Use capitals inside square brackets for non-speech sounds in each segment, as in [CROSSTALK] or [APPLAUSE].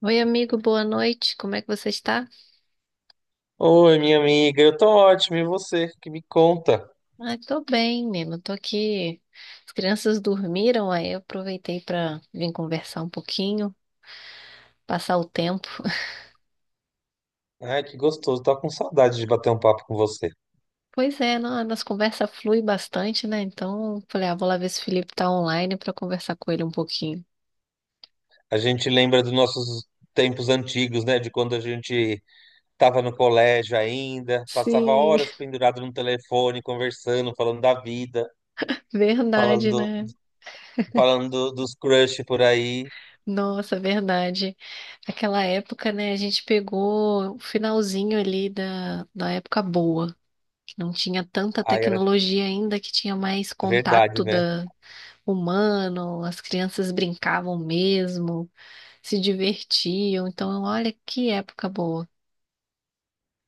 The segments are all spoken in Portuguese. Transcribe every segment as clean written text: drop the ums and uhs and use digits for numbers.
Oi, amigo, boa noite. Como é que você está? Oi, minha amiga, eu tô ótimo, e você? Que me conta? Ah, tô bem, menino. Tô aqui. As crianças dormiram, aí eu aproveitei para vir conversar um pouquinho, passar o tempo. Ai, que gostoso, tô com saudade de bater um papo com você. Pois é, não, a nossa conversa flui bastante, né? Então, falei, ah, vou lá ver se o Felipe tá online para conversar com ele um pouquinho. A gente lembra dos nossos tempos antigos, né? De quando a gente tava no colégio ainda, passava Sim, horas [LAUGHS] pendurado no telefone, conversando, falando da vida, verdade, falando, né? Dos crush por aí. Nossa, verdade. Aquela época, né, a gente pegou o finalzinho ali da época boa. Não tinha tanta Ai, era tecnologia ainda que tinha mais verdade, contato né? da humano, as crianças brincavam mesmo, se divertiam. Então, olha que época boa.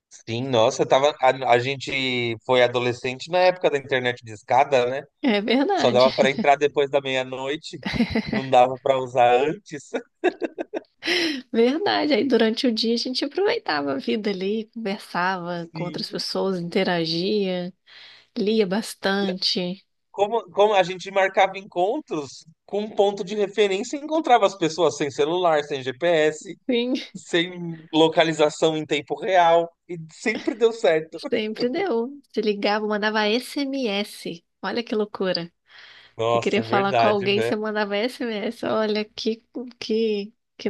Sim, nossa, tava, a gente foi adolescente na época da internet discada, né? É Só verdade, dava para entrar depois da meia-noite, não dava para usar antes. [LAUGHS] verdade. Aí durante o dia a gente aproveitava a vida ali, conversava com outras Sim. pessoas, interagia, lia bastante. Como a gente marcava encontros com um ponto de referência, e encontrava as pessoas sem celular, sem GPS, Sim, sem localização em tempo real, e sempre deu certo. [LAUGHS] sempre deu. Se ligava, mandava SMS. Olha que loucura. Você queria Nossa, falar com verdade, alguém, né? você mandava SMS. Olha que, que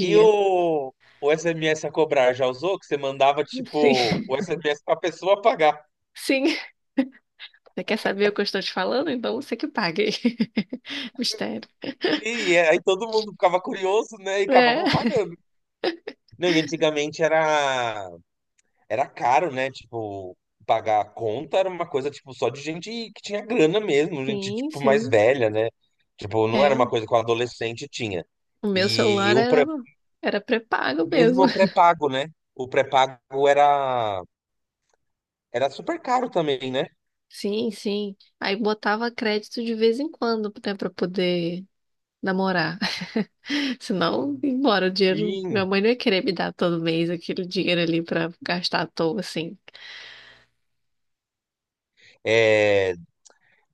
E o, o SMS a cobrar já usou? Que você mandava, Sim, tipo, o SMS pra pessoa pagar. [LAUGHS] sim. Você quer saber o que eu estou te falando? Então você que pague. [LAUGHS] Mistério. E aí todo mundo ficava curioso, né? E acabava É. pagando. Não, e antigamente era Era caro, né? Tipo, pagar a conta era uma coisa, tipo, só de gente que tinha grana mesmo, gente, Sim, tipo, mais sim. velha, né? Tipo, não era uma É. coisa que o adolescente tinha. O meu E celular o era, pré- era pré-pago Mesmo mesmo. o [LAUGHS] pré-pago, né? O pré-pago era, era super caro também, né? Sim, sim. Aí botava crédito de vez em quando, né, pra poder namorar. [LAUGHS] Senão, embora o dinheiro. Minha Sim. mãe não ia querer me dar todo mês aquele dinheiro ali pra gastar à toa, assim. É,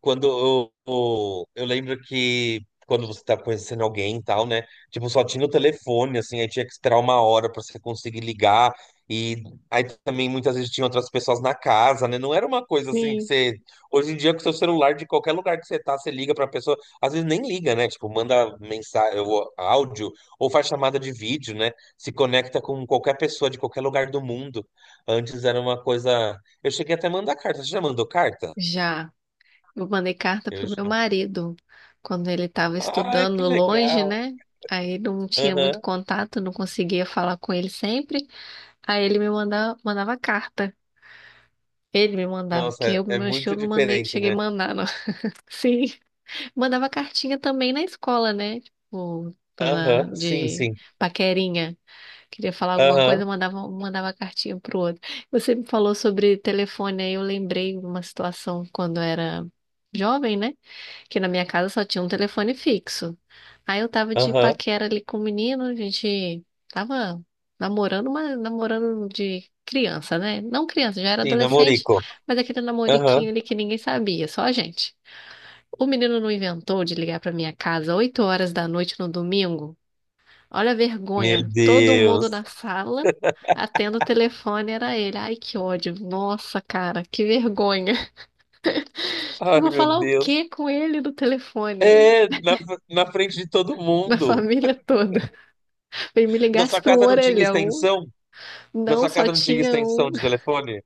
quando eu lembro que quando você tá conhecendo alguém e tal, né? Tipo, só tinha o telefone, assim, aí tinha que esperar uma hora pra você conseguir ligar. E aí também muitas vezes tinha outras pessoas na casa, né? Não era uma coisa assim que Sim. você. Hoje em dia, com seu celular, de qualquer lugar que você tá, você liga pra pessoa. Às vezes nem liga, né? Tipo, manda mensagem, ou áudio, ou faz chamada de vídeo, né? Se conecta com qualquer pessoa de qualquer lugar do mundo. Antes era uma coisa. Eu cheguei até a mandar carta. Você já mandou carta? Já. Eu mandei carta pro Eu meu marido quando ele estava ai, estudando que longe, legal. né? Aí não tinha muito Aham. contato, não conseguia falar com ele sempre. Aí ele me mandava, mandava carta. Ele me mandava, Nossa, porque eu é, é acho que eu muito não mandei, diferente, cheguei a né? mandar, não. [LAUGHS] Sim. Mandava cartinha também na escola, né? Tipo, Aham, sim, de sim. paquerinha. Queria falar alguma Aham, coisa, mandava, mandava cartinha pro outro. Você me falou sobre telefone, aí eu lembrei de uma situação quando eu era jovem, né? Porque na minha casa só tinha um telefone fixo. Aí eu tava de aham. paquera ali com o menino, a gente tava namorando, mas namorando de criança, né? Não criança, já era Sim, adolescente, namorico. mas aquele Aham. namoriquinho ali que ninguém sabia, só a gente. O menino não inventou de ligar pra minha casa 8 horas da noite no domingo. Olha a Meu vergonha, todo mundo Deus. na sala, atendo o telefone, era ele. Ai, que ódio. Nossa, cara, que vergonha. [LAUGHS] Eu Ai, vou meu falar o Deus. quê com ele no telefone? É, na, na frente de todo [LAUGHS] Na mundo. família toda. E me Na ligasse sua para um casa não tinha orelhão. extensão? Na Não, sua só casa não tinha tinha extensão um. de [LAUGHS] telefone?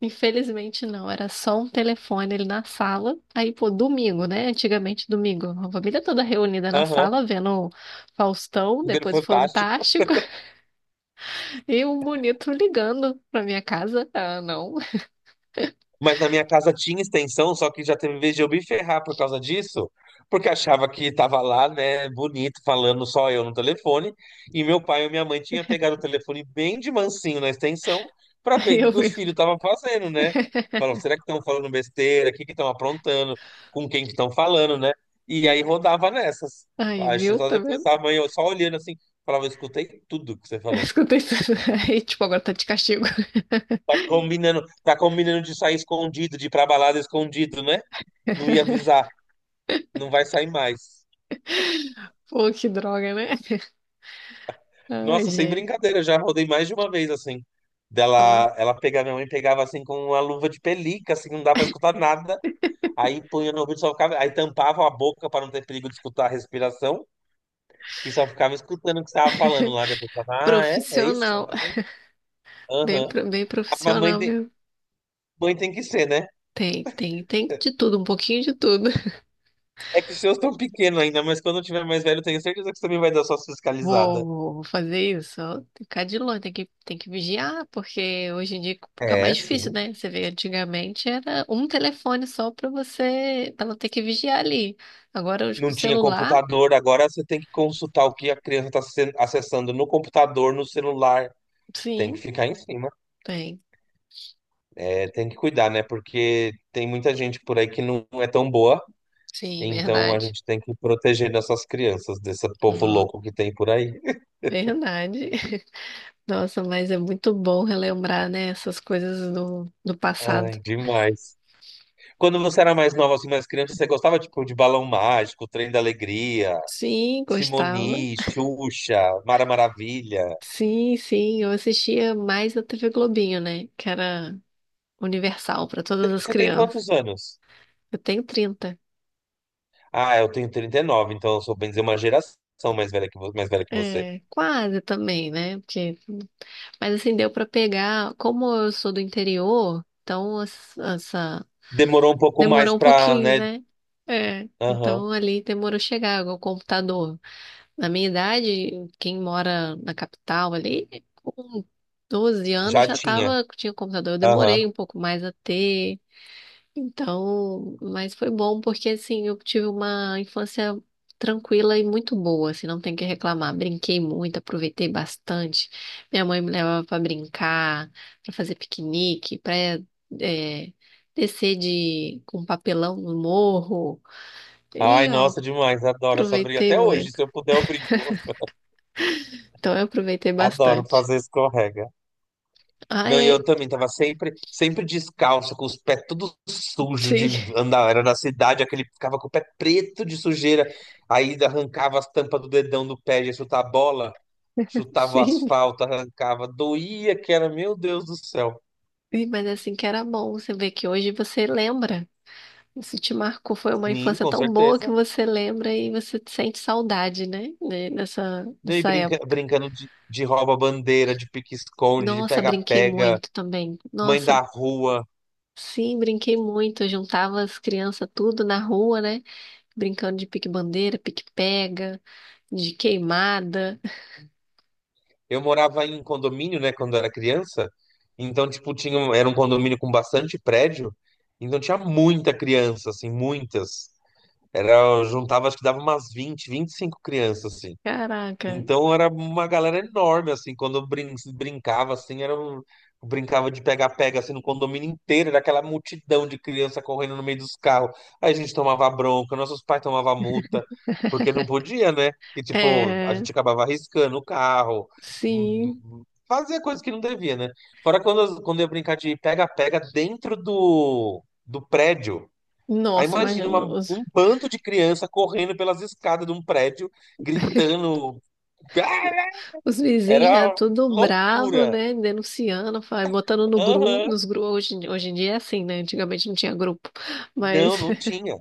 Infelizmente não, era só um telefone ali na sala. Aí, pô, domingo, né? Antigamente domingo. A família toda reunida na Aham. sala, vendo o Faustão, depois o Fantástico. Fantástico, [LAUGHS] e o bonito ligando pra minha casa. Ah, não. [LAUGHS] Mas na minha casa tinha extensão, só que já teve vez de eu me ferrar por causa disso, porque achava que tava lá, né, bonito, falando só eu no telefone, e meu pai e minha mãe tinha pegado o telefone bem de mansinho na extensão para ver o Aí que eu que vi. os filhos estavam fazendo, né? [LAUGHS] Falam, será que estão falando besteira? O que que estão aprontando? Com quem que estão falando, né? E aí rodava nessas. Aí, Acho que viu? só Tá depois vendo? a mãe [LAUGHS] eu só olhando assim, falava, eu escutei tudo que você Eu falou. escutei isso. [LAUGHS] Aí, tipo, agora tá de castigo. Tá combinando de sair escondido, de ir pra balada escondido, né? Não ia [LAUGHS] avisar, não vai sair mais. Pô, que droga, né? [LAUGHS] Ai, Nossa, sem gente. brincadeira, já rodei mais de uma vez assim. Ó, Dela, ela pegava, minha mãe pegava assim com uma luva de pelica, assim, não dá pra escutar nada. Aí punha no ouvido, só ficava, aí tampava a boca para não ter perigo de escutar a respiração e só ficava escutando o que você tava falando lá depois. Falava, ah, é? É isso que você vai profissional. fazer? Bem, Aham. Bem Ah, profissional, viu? mãe tem que ser, né? Tem de tudo, um pouquinho de tudo. [LAUGHS] É que os seus estão pequenos ainda, mas quando eu tiver mais velho, eu tenho certeza que você também vai dar suas Vou, fiscalizadas. vou vou fazer isso. Ó, tem que ficar de longe, tem que vigiar, porque hoje em dia fica É, mais difícil, sim. né? Você vê, antigamente era um telefone só pra você, pra não ter que vigiar ali. Agora, hoje, com Não o tinha celular, computador, agora você tem que consultar o que a criança está acessando no computador, no celular. Tem que sim, ficar em cima. tem. É, tem que cuidar, né? Porque tem muita gente por aí que não é tão boa, Sim, então a verdade. gente tem que proteger nossas crianças desse povo Não, louco que tem por aí. verdade. [LAUGHS] Nossa, mas é muito bom relembrar, né, essas coisas do passado. Ai, demais. Quando você era mais nova, assim, mais criança, você gostava, tipo, de Balão Mágico, Trem da Alegria, Sim, gostava. Simoni, Xuxa, Mara Maravilha. Sim, sim, eu assistia mais a TV Globinho, né? Que era universal para todas as Você tem crianças. quantos anos? Eu tenho 30. Ah, eu tenho 39, então eu sou bem dizer uma geração mais velha que mais velha que você. É, quase também, né? Porque... Mas assim, deu para pegar. Como eu sou do interior, então essa... Demorou um pouco mais Demorou um pra, pouquinho, né? né? É, Aham, então ali demorou chegar o computador. Na minha idade, quem mora na capital ali, com 12 anos já já tinha. tava, tinha computador. Eu Aham. demorei um pouco mais a ter. Então, mas foi bom porque assim eu tive uma infância tranquila e muito boa, assim, não tem o que reclamar. Brinquei muito, aproveitei bastante. Minha mãe me levava para brincar, para fazer piquenique, para descer de com um papelão no morro. Ai, E ó, nossa, demais, adoro essa briga. aproveitei Até hoje, muito. se eu puder, eu brinco. Então eu aproveitei Adoro bastante. fazer escorrega. Ah, Não, e eu é, também tava sempre, sempre descalço, com os pés tudo sujo sim, de andar. Era na cidade, aquele ficava com o pé preto de sujeira. Aí arrancava as tampas do dedão do pé, ia chutar a bola, [LAUGHS] chutava o sim. asfalto, arrancava. Doía que era, meu Deus do céu. Ih, mas assim que era bom, você vê que hoje você lembra. Isso te marcou, foi uma Sim, infância com tão boa que certeza. você lembra e você sente saudade, né? Né, nessa E dessa brinca, época. brincando de rouba-bandeira, de pique-esconde, de Nossa, brinquei pega-pega, muito também. mãe da Nossa, rua. sim, brinquei muito. Eu juntava as crianças tudo na rua, né? Brincando de pique-bandeira, pique-pega, de queimada. Eu morava em condomínio, né, quando era criança. Então, tipo, era um condomínio com bastante prédio. Então tinha muita criança, assim, muitas. Era, eu juntava, acho que dava umas 20, 25 crianças, assim. Caraca, Então era uma galera enorme, assim, quando eu brincava, assim, eu brincava de pega-pega, assim, no condomínio inteiro, era aquela multidão de criança correndo no meio dos carros. Aí a gente tomava bronca, nossos pais tomavam multa, porque não podia, né? Que, tipo, a é, gente acabava arriscando o carro, sim. Fazia coisas que não devia, né? Fora quando eu ia brincar de pega-pega dentro do prédio. Aí Nossa, imagina. Um bando de criança correndo pelas escadas de um prédio, [LAUGHS] gritando. "Ah!" Os vizinhos Era já tudo bravo, loucura. né? Denunciando, botando no grupo, Aham. nos grupos. Hoje, hoje em dia é assim, né? Antigamente não tinha grupo. Não, Mas, não [LAUGHS] tinha.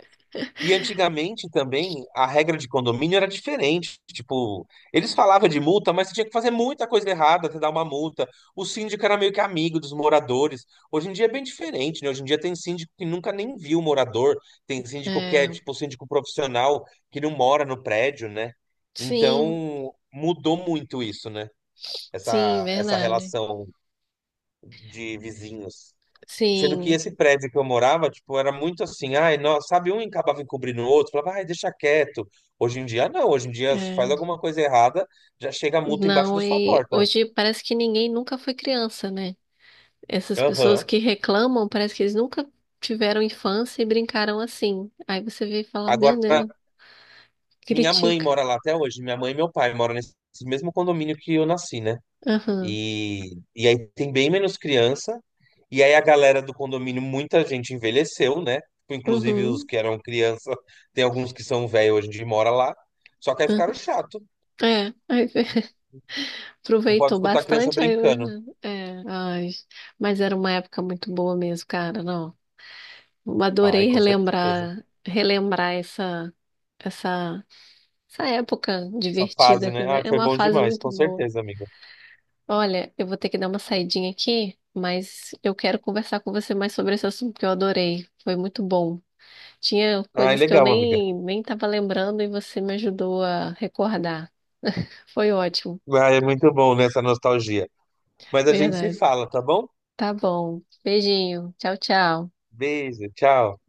E antigamente também a regra de condomínio era diferente. Tipo, eles falavam de multa, mas você tinha que fazer muita coisa errada até dar uma multa. O síndico era meio que amigo dos moradores. Hoje em dia é bem diferente, né? Hoje em dia tem síndico que nunca nem viu o morador, tem síndico que é é, tipo síndico profissional que não mora no prédio, né? sim, Então mudou muito isso, né? sim, Essa verdade. relação de vizinhos. Sendo que Sim, esse prédio que eu morava, tipo, era muito assim, ai, nossa, sabe, um acabava encobrindo o outro, falava, ai, deixa quieto. Hoje em dia, não, hoje em dia, se faz é, alguma coisa errada, já chega a multa embaixo da não, sua e porta. hoje parece que ninguém nunca foi criança, né? Essas pessoas Aham. que reclamam, parece que eles nunca tiveram infância e brincaram assim. Aí você vê e fala, meu Agora, Deus, minha mãe critica. mora lá até hoje, minha mãe e meu pai moram nesse mesmo condomínio que eu nasci, né? Aham, E aí tem bem menos criança, e aí a galera do condomínio, muita gente envelheceu, né? Tipo, inclusive os uhum, que eram criança, tem alguns que são velhos hoje em dia e moram lá, só que aí aham. ficaram chato. É, aí [LAUGHS] Não pode aproveitou escutar a criança bastante, aí brincando. eu... É, ai, mas era uma época muito boa mesmo, cara, não. Eu Ai, adorei com certeza. relembrar, relembrar essa, essa época Essa fase, divertida, né? quer Ai, dizer, é foi uma bom fase demais, muito com boa. certeza, amiga. Olha, eu vou ter que dar uma saidinha aqui, mas eu quero conversar com você mais sobre esse assunto que eu adorei. Foi muito bom. Tinha Ai, coisas que eu legal, amiga. nem estava lembrando e você me ajudou a recordar. [LAUGHS] Foi ótimo, Ai, é muito bom, né, essa nostalgia. Mas a gente se verdade. fala, tá bom? Tá bom. Beijinho. Tchau, tchau. Beijo, tchau.